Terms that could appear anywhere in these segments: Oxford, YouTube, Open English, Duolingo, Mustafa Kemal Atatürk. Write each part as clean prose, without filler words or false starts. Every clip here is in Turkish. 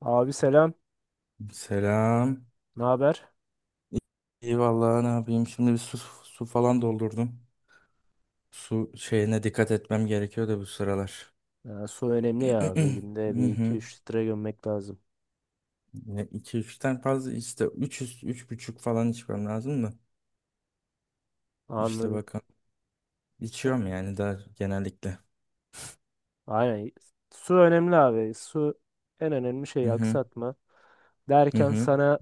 Abi selam. Selam. Ne haber? İyi, iyi vallahi, ne yapayım? Şimdi bir su falan doldurdum. Su şeyine dikkat etmem gerekiyor da bu sıralar. Ya, su önemli ya abi. Günde Hı bir iki hı. üç litre gömmek lazım. Ya iki üçten fazla, işte 3,5 falan içmem lazım da. İşte Anladım. bakın, E, içiyorum yani daha genellikle. Aynen. Su önemli abi. Su en önemli Hı şey, hı. aksatma. Hı Derken hı. sana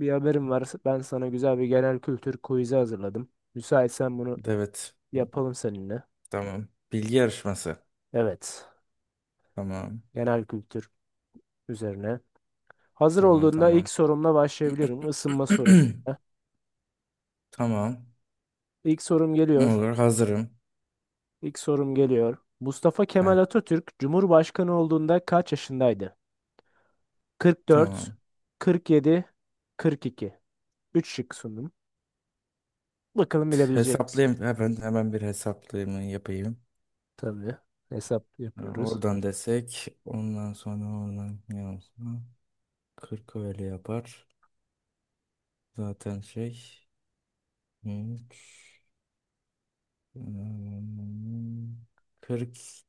bir haberim var. Ben sana güzel bir genel kültür quiz'i hazırladım. Müsaitsen bunu Evet. yapalım seninle. Tamam. Bilgi yarışması. Evet. Tamam. Genel kültür üzerine. Hazır Tamam, olduğunda ilk tamam. sorumla başlayabilirim. Isınma sorusuyla. Tamam. İlk sorum geliyor. Olur, hazırım. İlk sorum geliyor. Mustafa Kemal Heh, Atatürk Cumhurbaşkanı olduğunda kaç yaşındaydı? 44, tamam. 47, 42. 3 şık sundum. Bakalım bilebilecek misin? Hesaplayayım. Hemen, bir hesaplayımı yapayım. Tabii. Hesap yapıyoruz. Oradan desek. Ondan sonra oradan ne olsun? 40 öyle yapar. Zaten şey. 3,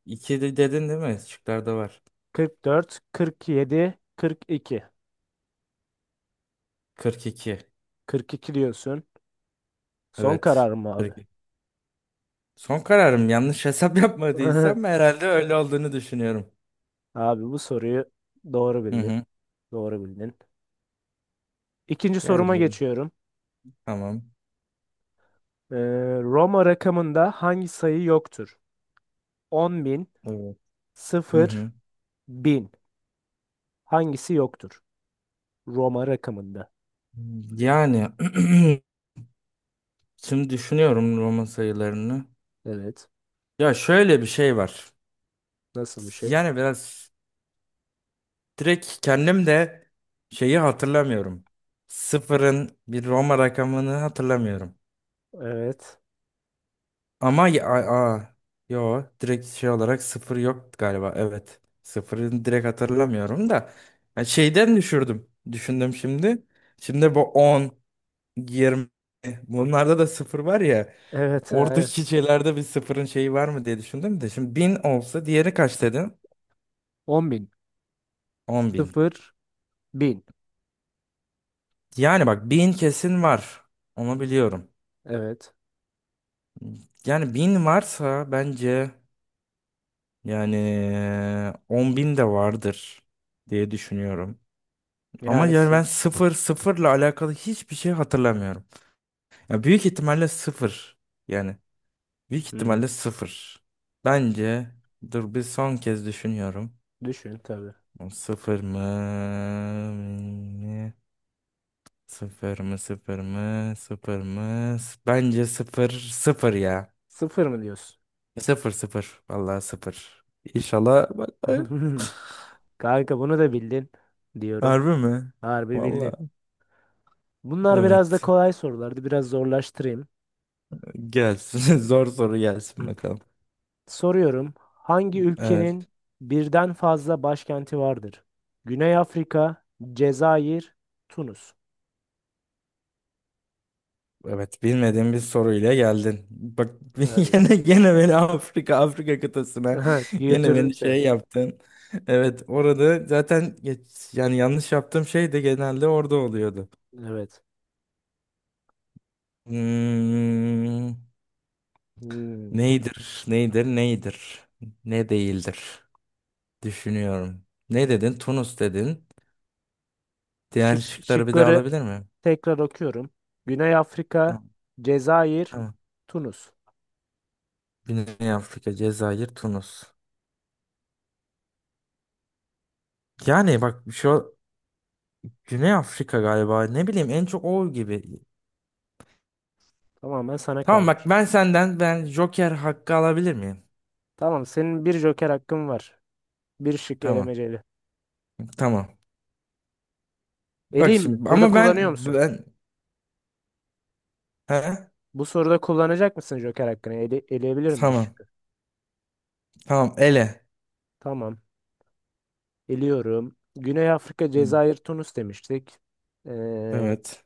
iki de dedin değil mi? Şıklarda var. 44, 47, 42. 42. 42 diyorsun. Son Evet. karar mı abi? 42. Son kararım. Yanlış hesap yapmadıysam herhalde öyle olduğunu düşünüyorum. Abi bu soruyu doğru Hı bildin. hı. Doğru bildin. İkinci Yani soruma bu, geçiyorum. tamam. Ee, Roma rakamında hangi sayı yoktur? 10.000, Evet. Hı 0, hı. 1000. Hangisi yoktur? Roma rakamında. Yani şimdi düşünüyorum Roma sayılarını. Evet. Ya şöyle bir şey var. Nasıl bir şey? Yani biraz direkt kendim de şeyi hatırlamıyorum. Sıfırın bir Roma rakamını hatırlamıyorum. Evet. Ama a- yo, direkt şey olarak sıfır yok galiba. Evet. Sıfırını direkt hatırlamıyorum da. Ya şeyden düşürdüm. Düşündüm şimdi. Şimdi bu 10. 20. Bunlarda da sıfır var ya. Evet. Yani. Oradaki şeylerde bir sıfırın şeyi var mı diye düşündüm de. Şimdi 1.000 olsa, diğeri kaç dedin? 10 bin. 10.000. Sıfır bin. Yani bak, 1.000 kesin var. Onu biliyorum. Evet. Yani 1.000 varsa bence, yani 10.000 de vardır diye düşünüyorum. Ama Yani yani ben sin- sıfırla alakalı hiçbir şey hatırlamıyorum. Ya büyük ihtimalle sıfır. Yani büyük hmm, ihtimalle sıfır. Bence dur, bir son kez düşünüyorum. düşün tabii. Sıfır mı? mi? Sıfır mı? Sıfır mı? Bence sıfır. Sıfır ya. Sıfır mı diyorsun? Sıfır. Vallahi sıfır. İnşallah. Vallahi. Kanka bunu da bildin diyorum. Harbi mi? Harbi bildin. Vallahi. Bunlar biraz da Evet. kolay sorulardı. Biraz zorlaştırayım. Gelsin. Zor soru gelsin Hı. bakalım. Soruyorum. Hangi ülkenin Evet. birden fazla başkenti vardır? Güney Afrika, Cezayir, Tunus. Evet, bilmediğim bir soruyla geldin. Bak, Hadi. yine beni Afrika kıtasına yine Götürdüm beni seni. şey yaptın. Evet, orada zaten geç, yani yanlış yaptığım şey de genelde orada oluyordu. Evet. Hmm, Hmm. neydir? Neydir? Neydir? Ne değildir? Düşünüyorum. Ne dedin? Tunus dedin. Diğer Şık, şıkları bir daha şıkları alabilir miyim? tekrar okuyorum. Güney Afrika, Tamam, Cezayir, tamam. Tunus. Güney Afrika, Cezayir, Tunus. Yani bak şu Güney Afrika galiba. Ne bileyim, en çok o gibi. Tamamen sana Tamam bak, kalmış. ben senden, ben joker hakkı alabilir miyim? Tamam, senin bir joker hakkın var. Bir şık Tamam. elemeceli. Tamam. Bak Eleyim mi? şimdi Burada ama kullanıyor ben musun? ben he? Bu soruda kullanacak mısın joker hakkını? Eleyebilir bir Tamam. şıkkı? Tamam, ele. Tamam. Eliyorum. Güney Afrika, Hı, Cezayir, Tunus demiştik. Ee, evet.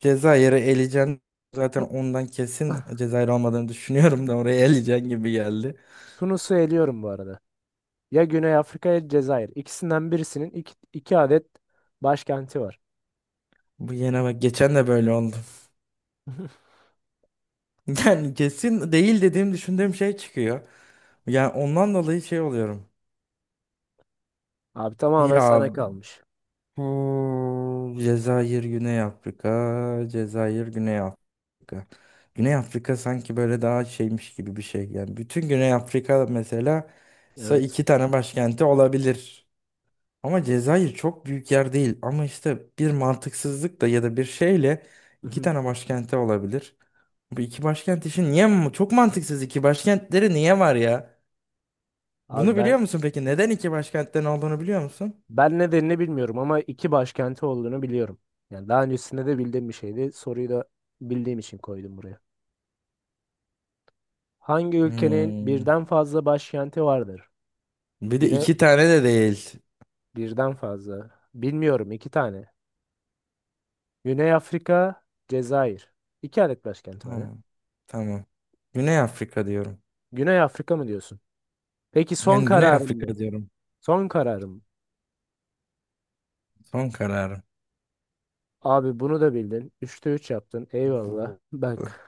Cezayir'i eleyeceksin. Zaten ondan kesin Cezayir olmadığını düşünüyorum da oraya eleyeceksin gibi geldi. Tunus'u eliyorum bu arada. Ya Güney Afrika ya Cezayir. İkisinden birisinin iki adet başkenti var. Bu yine bak, geçen de böyle oldu. Yani kesin değil dediğim düşündüğüm şey çıkıyor. Yani ondan dolayı şey oluyorum. Abi tamamen Ya sana kalmış. hmm, Cezayir, Güney Afrika, Cezayir, Güney Afrika. Güney Afrika sanki böyle daha şeymiş gibi bir şey. Yani bütün Güney Afrika mesela Evet. iki tane başkenti olabilir. Ama Cezayir çok büyük yer değil. Ama işte bir mantıksızlık da ya da bir şeyle Hı iki hı. tane başkenti olabilir. Bu iki başkent işi niye çok mantıksız, iki başkentleri niye var ya? Abi Bunu ben biliyor musun peki? Neden iki başkentten olduğunu biliyor musun? ben nedenini bilmiyorum ama iki başkenti olduğunu biliyorum. Yani daha öncesinde de bildiğim bir şeydi. Soruyu da bildiğim için koydum buraya. Hangi ülkenin Hmm. birden fazla başkenti vardır? Bir de Güney, iki tane de değil. birden fazla. Bilmiyorum, iki tane. Güney Afrika, Cezayir. İki adet başkenti var ya. Ha, tamam. Güney Afrika diyorum. Güney Afrika mı diyorsun? Peki, son Yani Güney kararım Afrika mı? diyorum. Son kararım mı? Son kararım. Abi bunu da bildin. 3/3 yaptın. Eyvallah. Bu... Bak.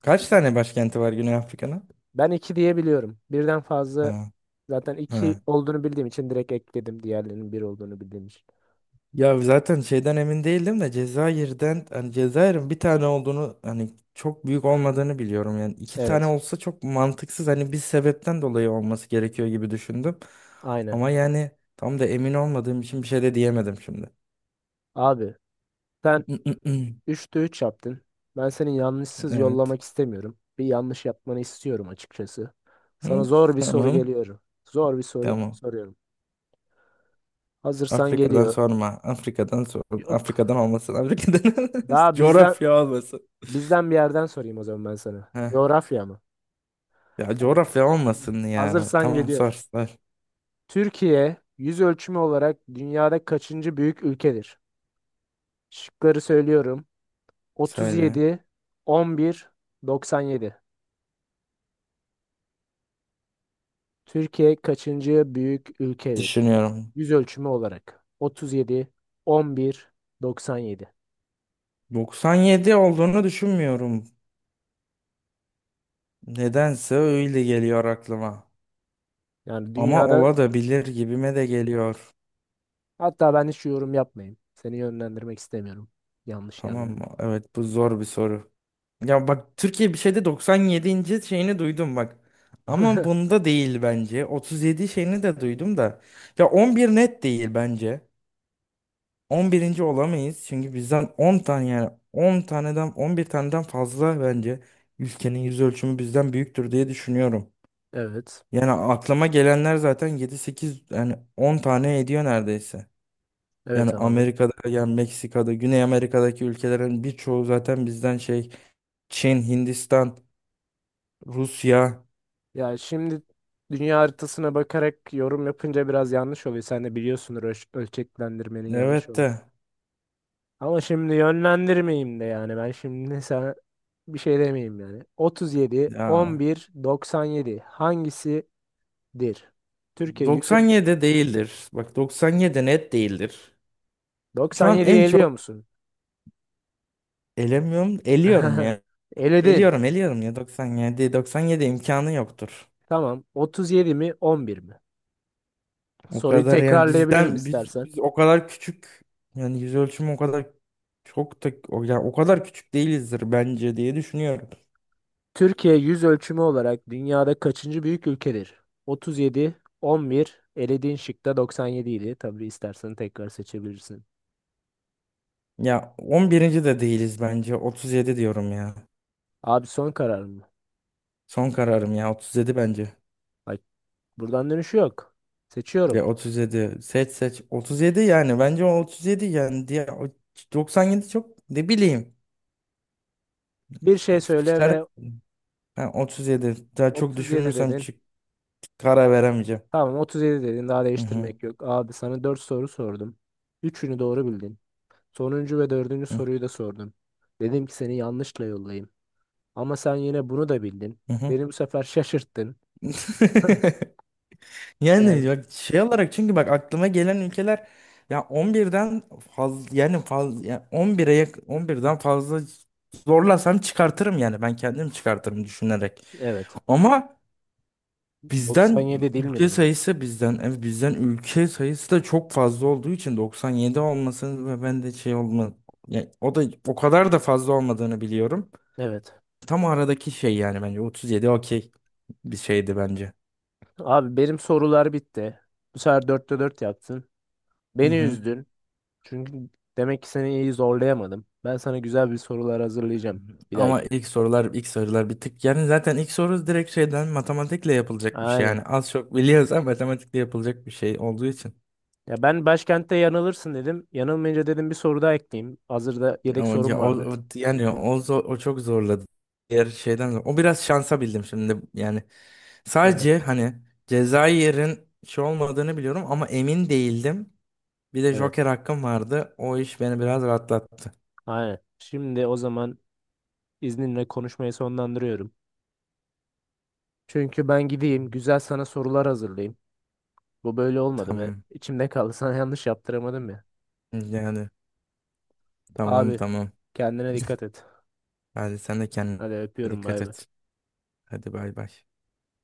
Kaç tane başkenti var Güney Afrika'nın? Ben iki diye biliyorum. Birden fazla Ha, zaten iki ha. olduğunu bildiğim için direkt ekledim, diğerlerinin bir olduğunu bildiğim için. Ya zaten şeyden emin değildim de Cezayir'den, hani Cezayir'in bir tane olduğunu, hani çok büyük olmadığını biliyorum, yani iki tane Evet. olsa çok mantıksız, hani bir sebepten dolayı olması gerekiyor gibi düşündüm. Aynen. Ama yani tam da emin olmadığım için bir şey de diyemedim şimdi. Abi sen 3/3 yaptın. Ben seni yanlışsız Evet. yollamak istemiyorum. Bir yanlış yapmanı istiyorum açıkçası. Sana Hı, zor bir soru tamam. geliyorum. Zor bir soru Tamam. soruyorum. Hazırsan Afrika'dan geliyor. sorma. Afrika'dan sor. Yok. Afrika'dan olmasın. Afrika'dan Daha bizden coğrafya olmasın. bizden bir yerden sorayım o zaman ben sana. Heh. Coğrafya mı? Ya coğrafya olmasın ya. Hazırsan Tamam, sor geliyor. sor. Türkiye yüz ölçümü olarak dünyada kaçıncı büyük ülkedir? Şıkları söylüyorum. Söyle. 37, 11, 97. Türkiye kaçıncı büyük ülkedir? Düşünüyorum. Yüz ölçümü olarak. 37, 11, 97. 97 olduğunu düşünmüyorum. Nedense öyle geliyor aklıma. Yani Ama dünyada, ola da bilir gibime de geliyor. hatta ben hiç yorum yapmayayım. Seni yönlendirmek istemiyorum. Yanlış Tamam yerlere. mı? Evet, bu zor bir soru. Ya bak, Türkiye bir şeyde 97. şeyini duydum bak. Ama bunda değil bence. 37 şeyini de duydum da. Ya 11 net değil bence. 11. olamayız çünkü bizden 10 tane, yani 10 taneden 11 taneden fazla bence ülkenin yüz ölçümü bizden büyüktür diye düşünüyorum. Evet. Yani aklıma gelenler zaten 7-8, yani 10 tane ediyor neredeyse. Yani Evet abi. Amerika'da, yani Meksika'da, Güney Amerika'daki ülkelerin birçoğu zaten bizden şey, Çin, Hindistan, Rusya, Ya şimdi dünya haritasına bakarak yorum yapınca biraz yanlış oluyor. Sen de biliyorsundur, ölçeklendirmenin yanlış. evet de Ama şimdi yönlendirmeyeyim de, yani ben şimdi sana bir şey demeyeyim yani. 37, ya 11, 97 hangisidir? Türkiye 104. 97 değildir. Bak, 97 net değildir. Şu an 97'yi en eliyor çok musun? elemiyorum, eliyorum. Eledin. Eliyorum, eliyorum, ya 97. 97 imkanı yoktur. Tamam. 37 mi 11 mi? O Soruyu kadar yani tekrarlayabilirim bizden biz istersen. biz o kadar küçük, yani yüz ölçümü o kadar çok da o, yani o kadar küçük değilizdir bence diye düşünüyorum. Türkiye yüz ölçümü olarak dünyada kaçıncı büyük ülkedir? 37, 11, elediğin şıkta 97 idi. Tabii istersen tekrar seçebilirsin. Ya 11. de değiliz bence, 37 diyorum ya. Abi son karar mı? Son kararım, ya 37 bence. Bak, buradan dönüşü yok. Seçiyorum. Ya otuz yedi, seç seç, 37, yani bence o 37 yani diye o 97 çok ne bileyim. Bir şey Of, söyle çıkar- ve Ha, 37 daha çok 37 düşünürsem dedin. Karar veremeyeceğim. Tamam, 37 dedin. Daha Hı değiştirmek yok. Abi sana 4 soru sordum. Üçünü doğru bildin. Sonuncu ve dördüncü hı. soruyu da sordum. Dedim ki seni yanlışla yollayayım. Ama sen yine bunu da bildin. Hı hı. Beni bu sefer şaşırttın. Yani Yani bak, şey olarak çünkü bak aklıma gelen ülkeler ya 11'den fazla, yani fazla ya on birden fazla zorlasam çıkartırım, yani ben kendim çıkartırım düşünerek. evet. Ama bizden 97 değil ülke midir? sayısı bizden ev bizden ülke sayısı da çok fazla olduğu için 97 olmasın ve ben de şey olma yani o da o kadar da fazla olmadığını biliyorum. Evet. Tam aradaki şey yani bence 37, okey bir şeydi bence. Abi benim sorular bitti. Bu sefer 4/4 yaptın. Beni üzdün. Çünkü demek ki seni iyi zorlayamadım. Ben sana güzel bir sorular hazırlayacağım bir Ama dahaki. ilk sorular, bir tık yani zaten ilk soru direkt şeyden matematikle yapılacak bir şey, Aynen. yani az çok biliyoruz ama matematikle yapılacak bir şey olduğu için, Ya ben başkentte yanılırsın dedim. Yanılmayınca dedim bir soru daha ekleyeyim. Hazırda yedek ama sorum ya, o, vardı. o- yani o, zo- o çok zorladı, diğer şeyden o biraz şansa bildim şimdi, yani Evet. sadece hani Cezayir'in şey olmadığını biliyorum ama emin değildim, bir de Evet. joker hakkım vardı, o iş beni biraz rahatlattı. Aynen. Şimdi o zaman izninle konuşmayı sonlandırıyorum. Çünkü ben gideyim güzel sana sorular hazırlayayım. Bu böyle olmadı. Ben Tamam, içimde kaldı. Sana yanlış yaptıramadım ya. yani tamam, Abi tamam. kendine dikkat et. Hadi sen de kendine Hadi öpüyorum, dikkat bay bay. et. Hadi bay bay.